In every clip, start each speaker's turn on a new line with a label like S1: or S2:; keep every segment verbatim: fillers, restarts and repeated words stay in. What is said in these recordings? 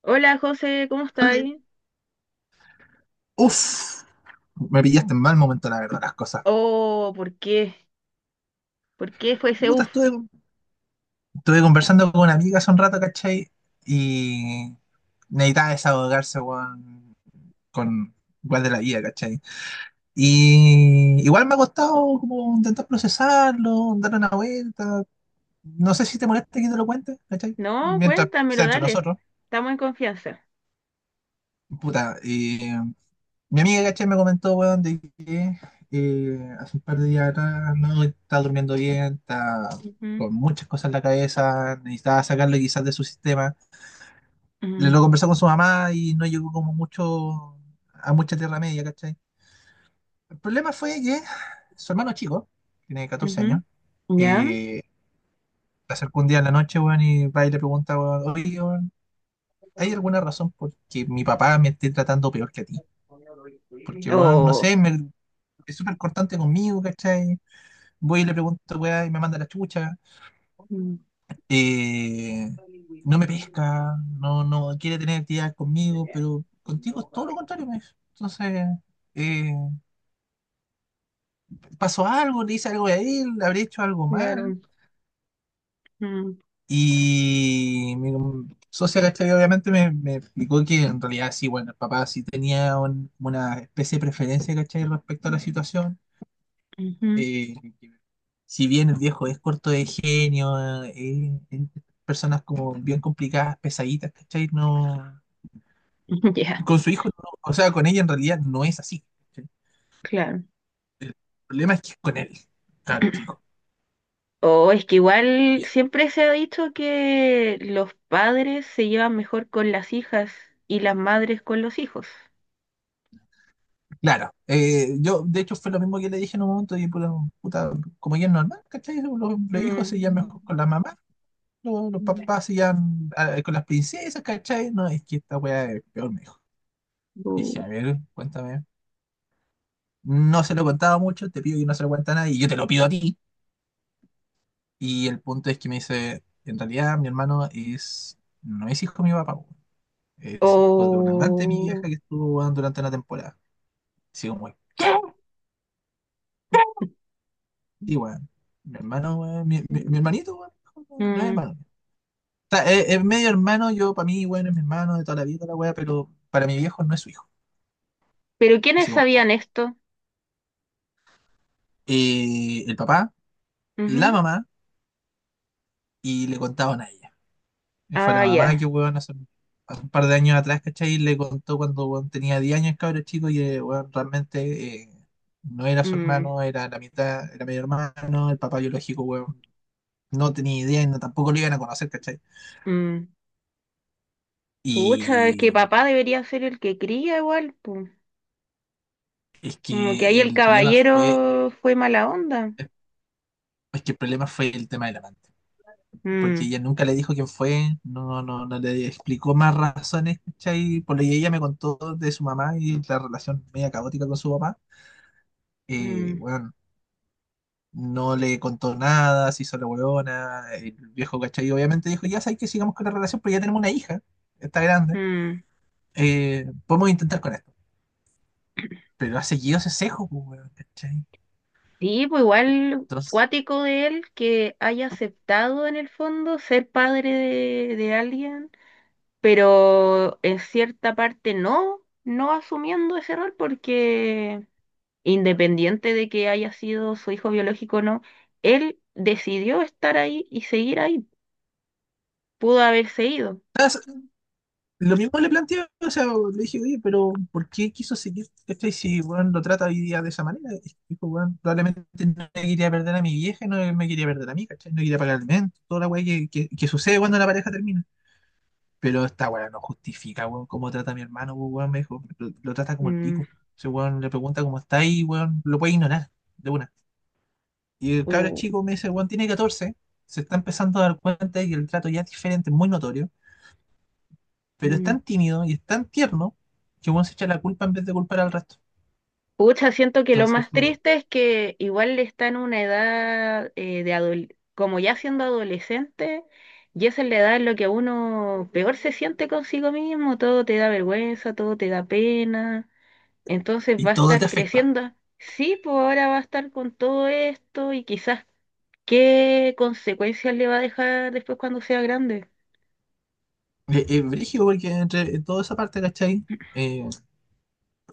S1: Hola José, ¿cómo
S2: Dale.
S1: estáis?
S2: Uf, Me pillaste en mal momento, la verdad, las cosas.
S1: Oh, ¿por qué? ¿Por qué fue ese
S2: Puta,
S1: uf?
S2: estuve, estuve conversando con una amiga hace un rato, ¿cachai? Y necesitaba desahogarse, weón, con igual de la vida, ¿cachai? Y igual me ha costado como intentar procesarlo, dar una vuelta. No sé si te molesta que te lo cuente, ¿cachai?
S1: No,
S2: Mientras
S1: cuéntamelo,
S2: sea entre
S1: dale.
S2: nosotros.
S1: Estamos en confianza.
S2: Puta, y mi amiga, caché, me comentó, weón, de que eh, hace un par de días atrás no está durmiendo bien, está
S1: Ujú,
S2: con muchas cosas en la cabeza, necesitaba sacarlo quizás de su sistema. Le
S1: mm,
S2: lo conversó con su mamá y no llegó como mucho a mucha tierra media, ¿cachai? El problema fue que su hermano chico tiene catorce
S1: ujú.
S2: años.
S1: ¿Ya?
S2: eh, Se acercó un día en la noche, weón, y va y le pregunta, weón, oye, weón, ¿hay alguna razón por que mi papá me esté tratando peor que a ti? Porque, weón, no
S1: Oh.
S2: sé, me, es súper cortante conmigo, ¿cachai? Voy y le pregunto, weá, y me manda la chucha.
S1: Mm,
S2: Eh, no me pesca, no, no quiere tener actividad conmigo, pero contigo es todo lo contrario, me dice. Entonces, eh, pasó algo, le hice algo a él, le habré hecho algo mal.
S1: claro. Mm,
S2: Y mi socia, ¿cachai? Obviamente me, me explicó que en realidad sí, bueno, el papá sí tenía un- una especie de preferencia, ¿cachai? Respecto a la situación
S1: ujú, ujú,
S2: eh, si bien el viejo es corto de genio, eh, eh, eh, personas como bien complicadas, pesaditas, ¿cachai? No,
S1: ya,
S2: con su hijo, no, o sea, con ella en realidad no es así. ¿Cachai?
S1: claro.
S2: El problema es que es con él, claro, chico.
S1: O es que igual
S2: Y
S1: siempre se ha dicho que los padres se llevan mejor con las hijas y las madres con los hijos.
S2: claro, eh, yo de hecho fue lo mismo que le dije en un momento, y puta, puta, como ella es normal, ¿cachai? Los, los hijos se llevan mejor con la mamá, los, los
S1: Mm.
S2: papás se llevan ah, con las princesas, ¿cachai? No, es que esta weá es peor, me dijo. Dije, a ver, cuéntame. No se lo contaba mucho, te pido que no se lo cuente a nadie, y yo te lo pido a ti. Y el punto es que me dice, en realidad mi hermano es, no es hijo de mi papá, weón. Es hijo de un amante de mi vieja
S1: O
S2: que estuvo weón, durante una temporada. Así como, weón, sí, weón, mi hermano, weón, mi, mi- mi hermanito, weón, no es
S1: mm,
S2: hermano. O sea, es, es medio hermano, yo para mí, bueno, es mi hermano de toda la vida, toda la weá, pero para mi viejo no es su hijo.
S1: ¿pero
S2: Y
S1: quiénes
S2: así como,
S1: sabían
S2: oh.
S1: esto?
S2: Eh, el papá, la
S1: Ujú.
S2: mamá, y le contaban a ella. Y fue la
S1: Ah,
S2: mamá
S1: ya.
S2: que, weón, hace, hace un par de años atrás, ¿cachai? Y le contó cuando weón, tenía diez años, cabrón chico, y eh, weón, realmente eh, no era su
S1: Mm,
S2: hermano, era la mitad, era medio hermano, el papá biológico, weón. No tenía idea y no, tampoco lo iban a conocer, ¿cachai?
S1: mm. Pucha, es que
S2: Y
S1: papá debería ser el que cría igual, pu.
S2: es
S1: Como que ahí
S2: que
S1: el
S2: el problema fue,
S1: caballero fue mala onda.
S2: es que el problema fue el tema del amante. Porque
S1: Mm,
S2: ella nunca le dijo quién fue, no, no, no le explicó más razones, ¿cachai? Por lo que ella me contó de su mamá y la relación media caótica con su papá. Eh,
S1: mm,
S2: weón, no le contó nada, se hizo la huevona, el viejo cachai obviamente dijo, ya sabes que sigamos con la relación, pero ya tenemos una hija, está grande,
S1: mm.
S2: eh, podemos intentar con esto. Pero ha seguido ese cejo, pues, weón, ¿cachai?
S1: Sí, pues igual
S2: Entonces,
S1: cuático de él que haya aceptado en el fondo ser padre de, de alguien, pero en cierta parte no, no asumiendo ese rol porque independiente de que haya sido su hijo biológico o no, él decidió estar ahí y seguir ahí. Pudo haberse ido.
S2: ¿sabes? Lo mismo le planteé, o sea, le dije, oye, pero ¿por qué quiso seguir, ¿cachai? Si, weón, lo trata hoy día de esa manera. Y dijo, weón, probablemente no le quería perder a mi vieja, no me quería perder a mí, ¿cachai? No quería pagar el alimento, toda la weá que, que, que sucede cuando la pareja termina. Pero esta weá no justifica, weón, cómo trata a mi hermano, pues, weón, me dijo. Lo, lo trata como el
S1: Mm,
S2: pico. Ese weón le pregunta cómo está y, weón, lo puede ignorar, de una. Y el cabro
S1: o-
S2: chico me dice, weón, tiene catorce. Se está empezando a dar cuenta de que el trato ya es diferente, muy notorio. Pero es
S1: mm.
S2: tan tímido y es tan tierno que, weón, se echa la culpa en vez de culpar al resto.
S1: Pucha, siento que lo
S2: Entonces,
S1: más
S2: fue como-
S1: triste es que igual está en una edad eh, de adol- como ya siendo adolescente, y esa es la edad en la que uno peor se siente consigo mismo, todo te da vergüenza, todo te da pena. Entonces
S2: y
S1: va a
S2: todo
S1: estar
S2: te afecta.
S1: creciendo. Sí, pues ahora va a estar con todo esto y quizás qué consecuencias le va a dejar después cuando sea grande.
S2: Es brígido porque entre toda esa parte, ¿cachai? Eh,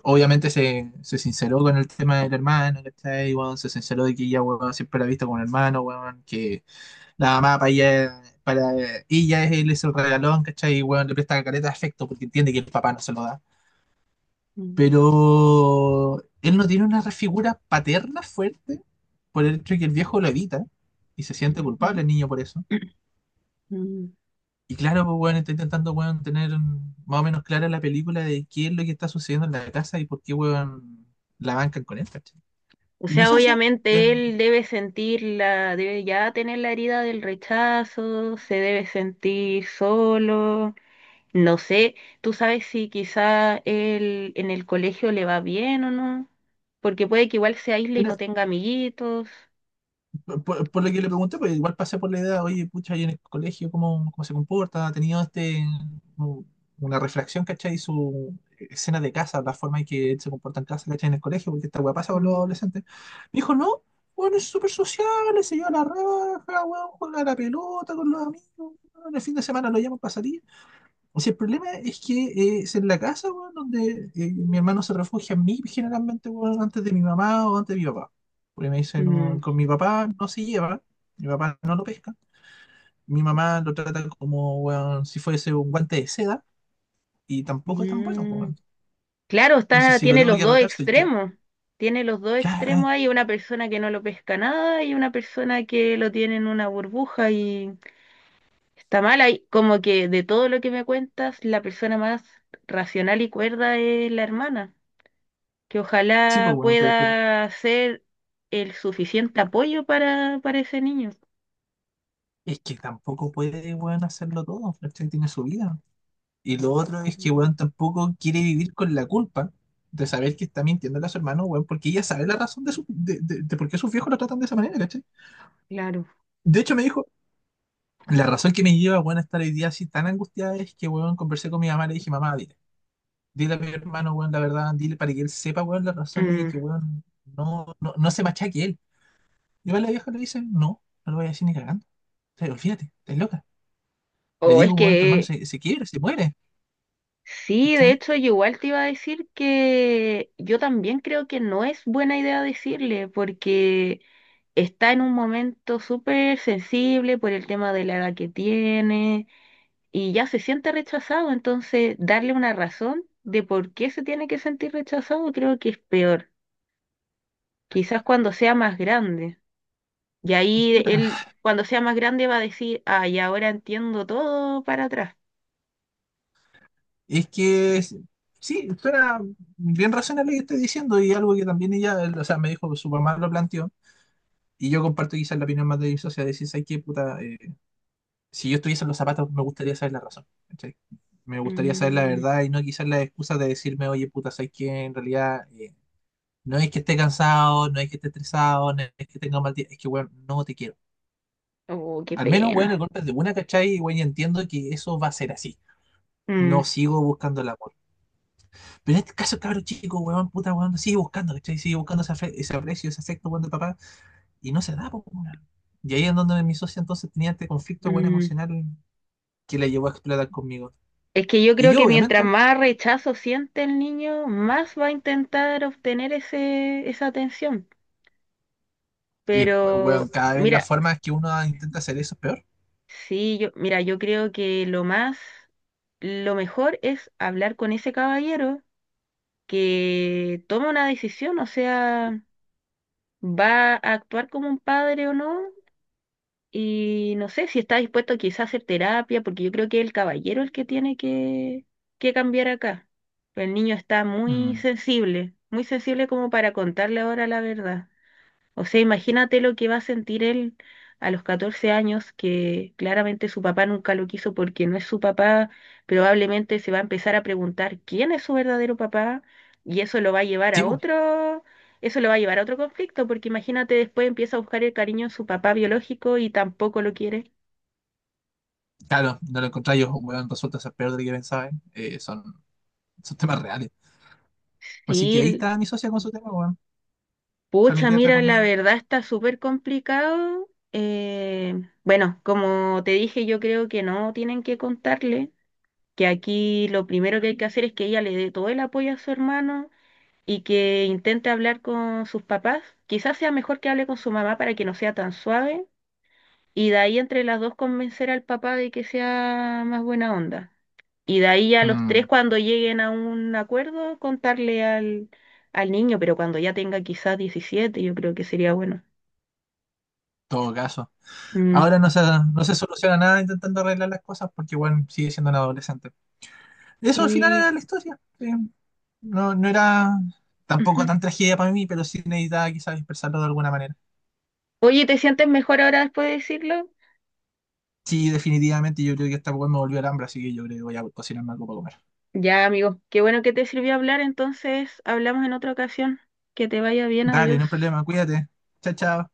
S2: Obviamente se, se sinceró con el tema del hermano, ¿cachai? Weón, se sinceró de que ella, weón, siempre la ha visto como un hermano, weón, que la mamá para ella, para ella es, él es el regalón, ¿cachai? Y, weón, le presta careta de afecto porque entiende que el papá no se lo da.
S1: Mm,
S2: Pero él no tiene una figura paterna fuerte por el hecho de que el viejo lo evita y se siente culpable
S1: ujú,
S2: el niño por eso.
S1: ujú.
S2: Y claro, pues bueno, está intentando weón, tener más o menos clara la película de qué es lo que está sucediendo en la casa y por qué weón, la bancan con esto.
S1: O
S2: Y mi
S1: sea,
S2: socia,
S1: obviamente
S2: en-
S1: él debe sentir la, debe ya tener la herida del rechazo, se debe sentir solo. No sé, tú sabes si quizá él en el colegio le va bien o no, porque puede que igual se aísle y no
S2: era-
S1: tenga amiguitos.
S2: por, por- por lo que le pregunté, pues igual pasé por la idea, oye, pucha, ahí en el colegio, ¿cómo, cómo se comporta? ¿Ha tenido este, u- una reflexión, ¿cachai? Su escena de casa, la forma en que él se comporta en casa, ¿cachai? En el colegio, porque esta weá pasa con los
S1: Mm,
S2: adolescentes. Me dijo, no, bueno, es súper social, se lleva la raja, weón, juega a la pelota con los amigos, weón, el fin de semana lo llaman para salir. O sea, el problema es que eh, es en la casa, weón, donde eh, mi hermano se refugia en mí generalmente, weón, antes de mi mamá o antes de mi papá. Porque me dice, no,
S1: mm.
S2: con mi papá no se lleva, mi papá no lo pesca, mi mamá lo trata como, weón, si fuese un guante de seda, y tampoco es tan bueno,
S1: Mm,
S2: weón.
S1: claro,
S2: Entonces,
S1: está,
S2: si lo
S1: tiene
S2: tengo
S1: los
S2: que
S1: dos
S2: retar, soy yo.
S1: extremos. Tiene los dos
S2: Ya, eh,
S1: extremos. Hay una persona que no lo pesca nada y una persona que lo tiene en una burbuja y está mal. Hay, como que de todo lo que me cuentas, la persona más racional y cuerda es la hermana, que
S2: sí, pues,
S1: ojalá
S2: weón, pero, pero
S1: pueda ser el suficiente apoyo para, para ese niño.
S2: es que tampoco puede, weón, hacerlo todo, ¿cachai? Tiene su vida. Y lo otro es que,
S1: Mm,
S2: weón, tampoco quiere vivir con la culpa de saber que está mintiendo a su hermano, weón, porque ella sabe la razón de, su, de, de- de por qué sus viejos lo tratan de esa manera, ¿cachai?
S1: claro.
S2: De hecho, me dijo, la razón que me lleva, weón, a estar hoy día así tan angustiada es que, weón, conversé con mi mamá, le dije, mamá, dile, dile a mi hermano, weón, la verdad, dile para que él sepa, weón, las razones y que,
S1: Mm.
S2: weón, no, no, no se machaque él. Y va la vieja le dice, no, no lo voy a decir ni cagando. O sea, olvídate, estás loca. Le
S1: O
S2: digo,
S1: es
S2: weón, tu hermano
S1: que
S2: se, se quiebra, se muere,
S1: Sí, de
S2: ¿cachai?
S1: hecho, yo igual te iba a decir que yo también creo que no es buena idea decirle, porque está en un momento súper sensible por el tema de la edad que tiene y ya se siente rechazado, entonces darle una razón de por qué se tiene que sentir rechazado creo que es peor. Quizás cuando sea más grande. Y ahí
S2: Puta,
S1: él, cuando sea más grande, va a decir, ay, ahora entiendo todo para atrás.
S2: Es que es- sí, suena bien razonable lo que estás diciendo y algo que también ella, o sea, me dijo, su mamá lo planteó y yo comparto quizás la opinión más de mi socia, de decir, ¿sabes qué, puta? Eh, si yo estuviese en los zapatos me gustaría saber la razón, ¿cachai? Me gustaría saber la
S1: Mm,
S2: verdad y no quizás la excusa de decirme, oye, puta, ¿sabes qué? En realidad eh, no es que esté cansado, no es que esté estresado, no es que tenga un mal día, es que, weón, no te quiero.
S1: oh, qué
S2: Al menos, weón, el
S1: pena.
S2: golpe es de una, ¿cachai? Y, weón, ya entiendo que eso va a ser así.
S1: Mm,
S2: No sigo buscando la. Pero en este caso, cabrón chico, weón, puta, weón, sigue buscando, ¿cachai? Sigue buscando ese, afe- ese aprecio, ese afecto, weón, de papá, y no se da, pues, weón. Y ahí es donde mi socia entonces tenía este conflicto, weón,
S1: mm.
S2: emocional que la llevó a explotar conmigo.
S1: Es que yo
S2: Y
S1: creo
S2: yo,
S1: que mientras
S2: obviamente,
S1: más rechazo siente el niño, más va a intentar obtener ese, esa atención.
S2: y, weón,
S1: Pero
S2: cada vez las
S1: mira,
S2: formas que uno intenta hacer eso es peor.
S1: sí, yo, mira, yo creo que lo más, lo mejor es hablar con ese caballero que toma una decisión, o sea, va a actuar como un padre o no, y no sé si está dispuesto quizás a hacer terapia, porque yo creo que es el caballero el que tiene que, que cambiar acá. El niño está muy
S2: Mm,
S1: sensible, muy sensible como para contarle ahora la verdad. O sea, imagínate lo que va a sentir él a los catorce años, que claramente su papá nunca lo quiso porque no es su papá, probablemente se va a empezar a preguntar quién es su verdadero papá y eso lo va a llevar a
S2: tipo,
S1: otro, eso lo va a llevar a otro conflicto, porque imagínate después empieza a buscar el cariño en su papá biológico y tampoco lo quiere.
S2: claro, no lo encontré yo, weón, resulta ser peor de lo que pensaba, ¿eh? Eh, son, son temas reales.
S1: Sí,
S2: Así que ahí
S1: l-
S2: está mi socia con su tema, weón,
S1: pucha,
S2: familiar de
S1: mira,
S2: por
S1: la
S2: medio.
S1: verdad está súper complicado. Eh, bueno, como te dije, yo creo que no tienen que contarle, que aquí lo primero que hay que hacer es que ella le dé todo el apoyo a su hermano y que intente hablar con sus papás. Quizás sea mejor que hable con su mamá para que no sea tan suave y de ahí entre las dos convencer al papá de que sea más buena onda. Y de ahí a los tres
S2: Mm,
S1: cuando lleguen a un acuerdo contarle al, al niño, pero cuando ya tenga quizás diecisiete yo creo que sería bueno.
S2: todo caso.
S1: Mm.
S2: Ahora no se, no se soluciona nada intentando arreglar las cosas porque igual sigue siendo un adolescente. Eso al final era
S1: Sí.
S2: la historia. eh, no, no era
S1: Ujú.
S2: tampoco tan tragedia para mí, pero sí necesitaba quizás expresarlo de alguna manera.
S1: Oye, ¿te sientes mejor ahora después de decirlo?
S2: Sí, definitivamente yo creo que esta weá me volvió al hambre, así que yo creo que voy a cocinar algo para comer.
S1: Ya, amigo, qué bueno que te sirvió hablar, entonces hablamos en otra ocasión. Que te vaya bien,
S2: Dale,
S1: adiós.
S2: no hay problema, cuídate. Chao, chao.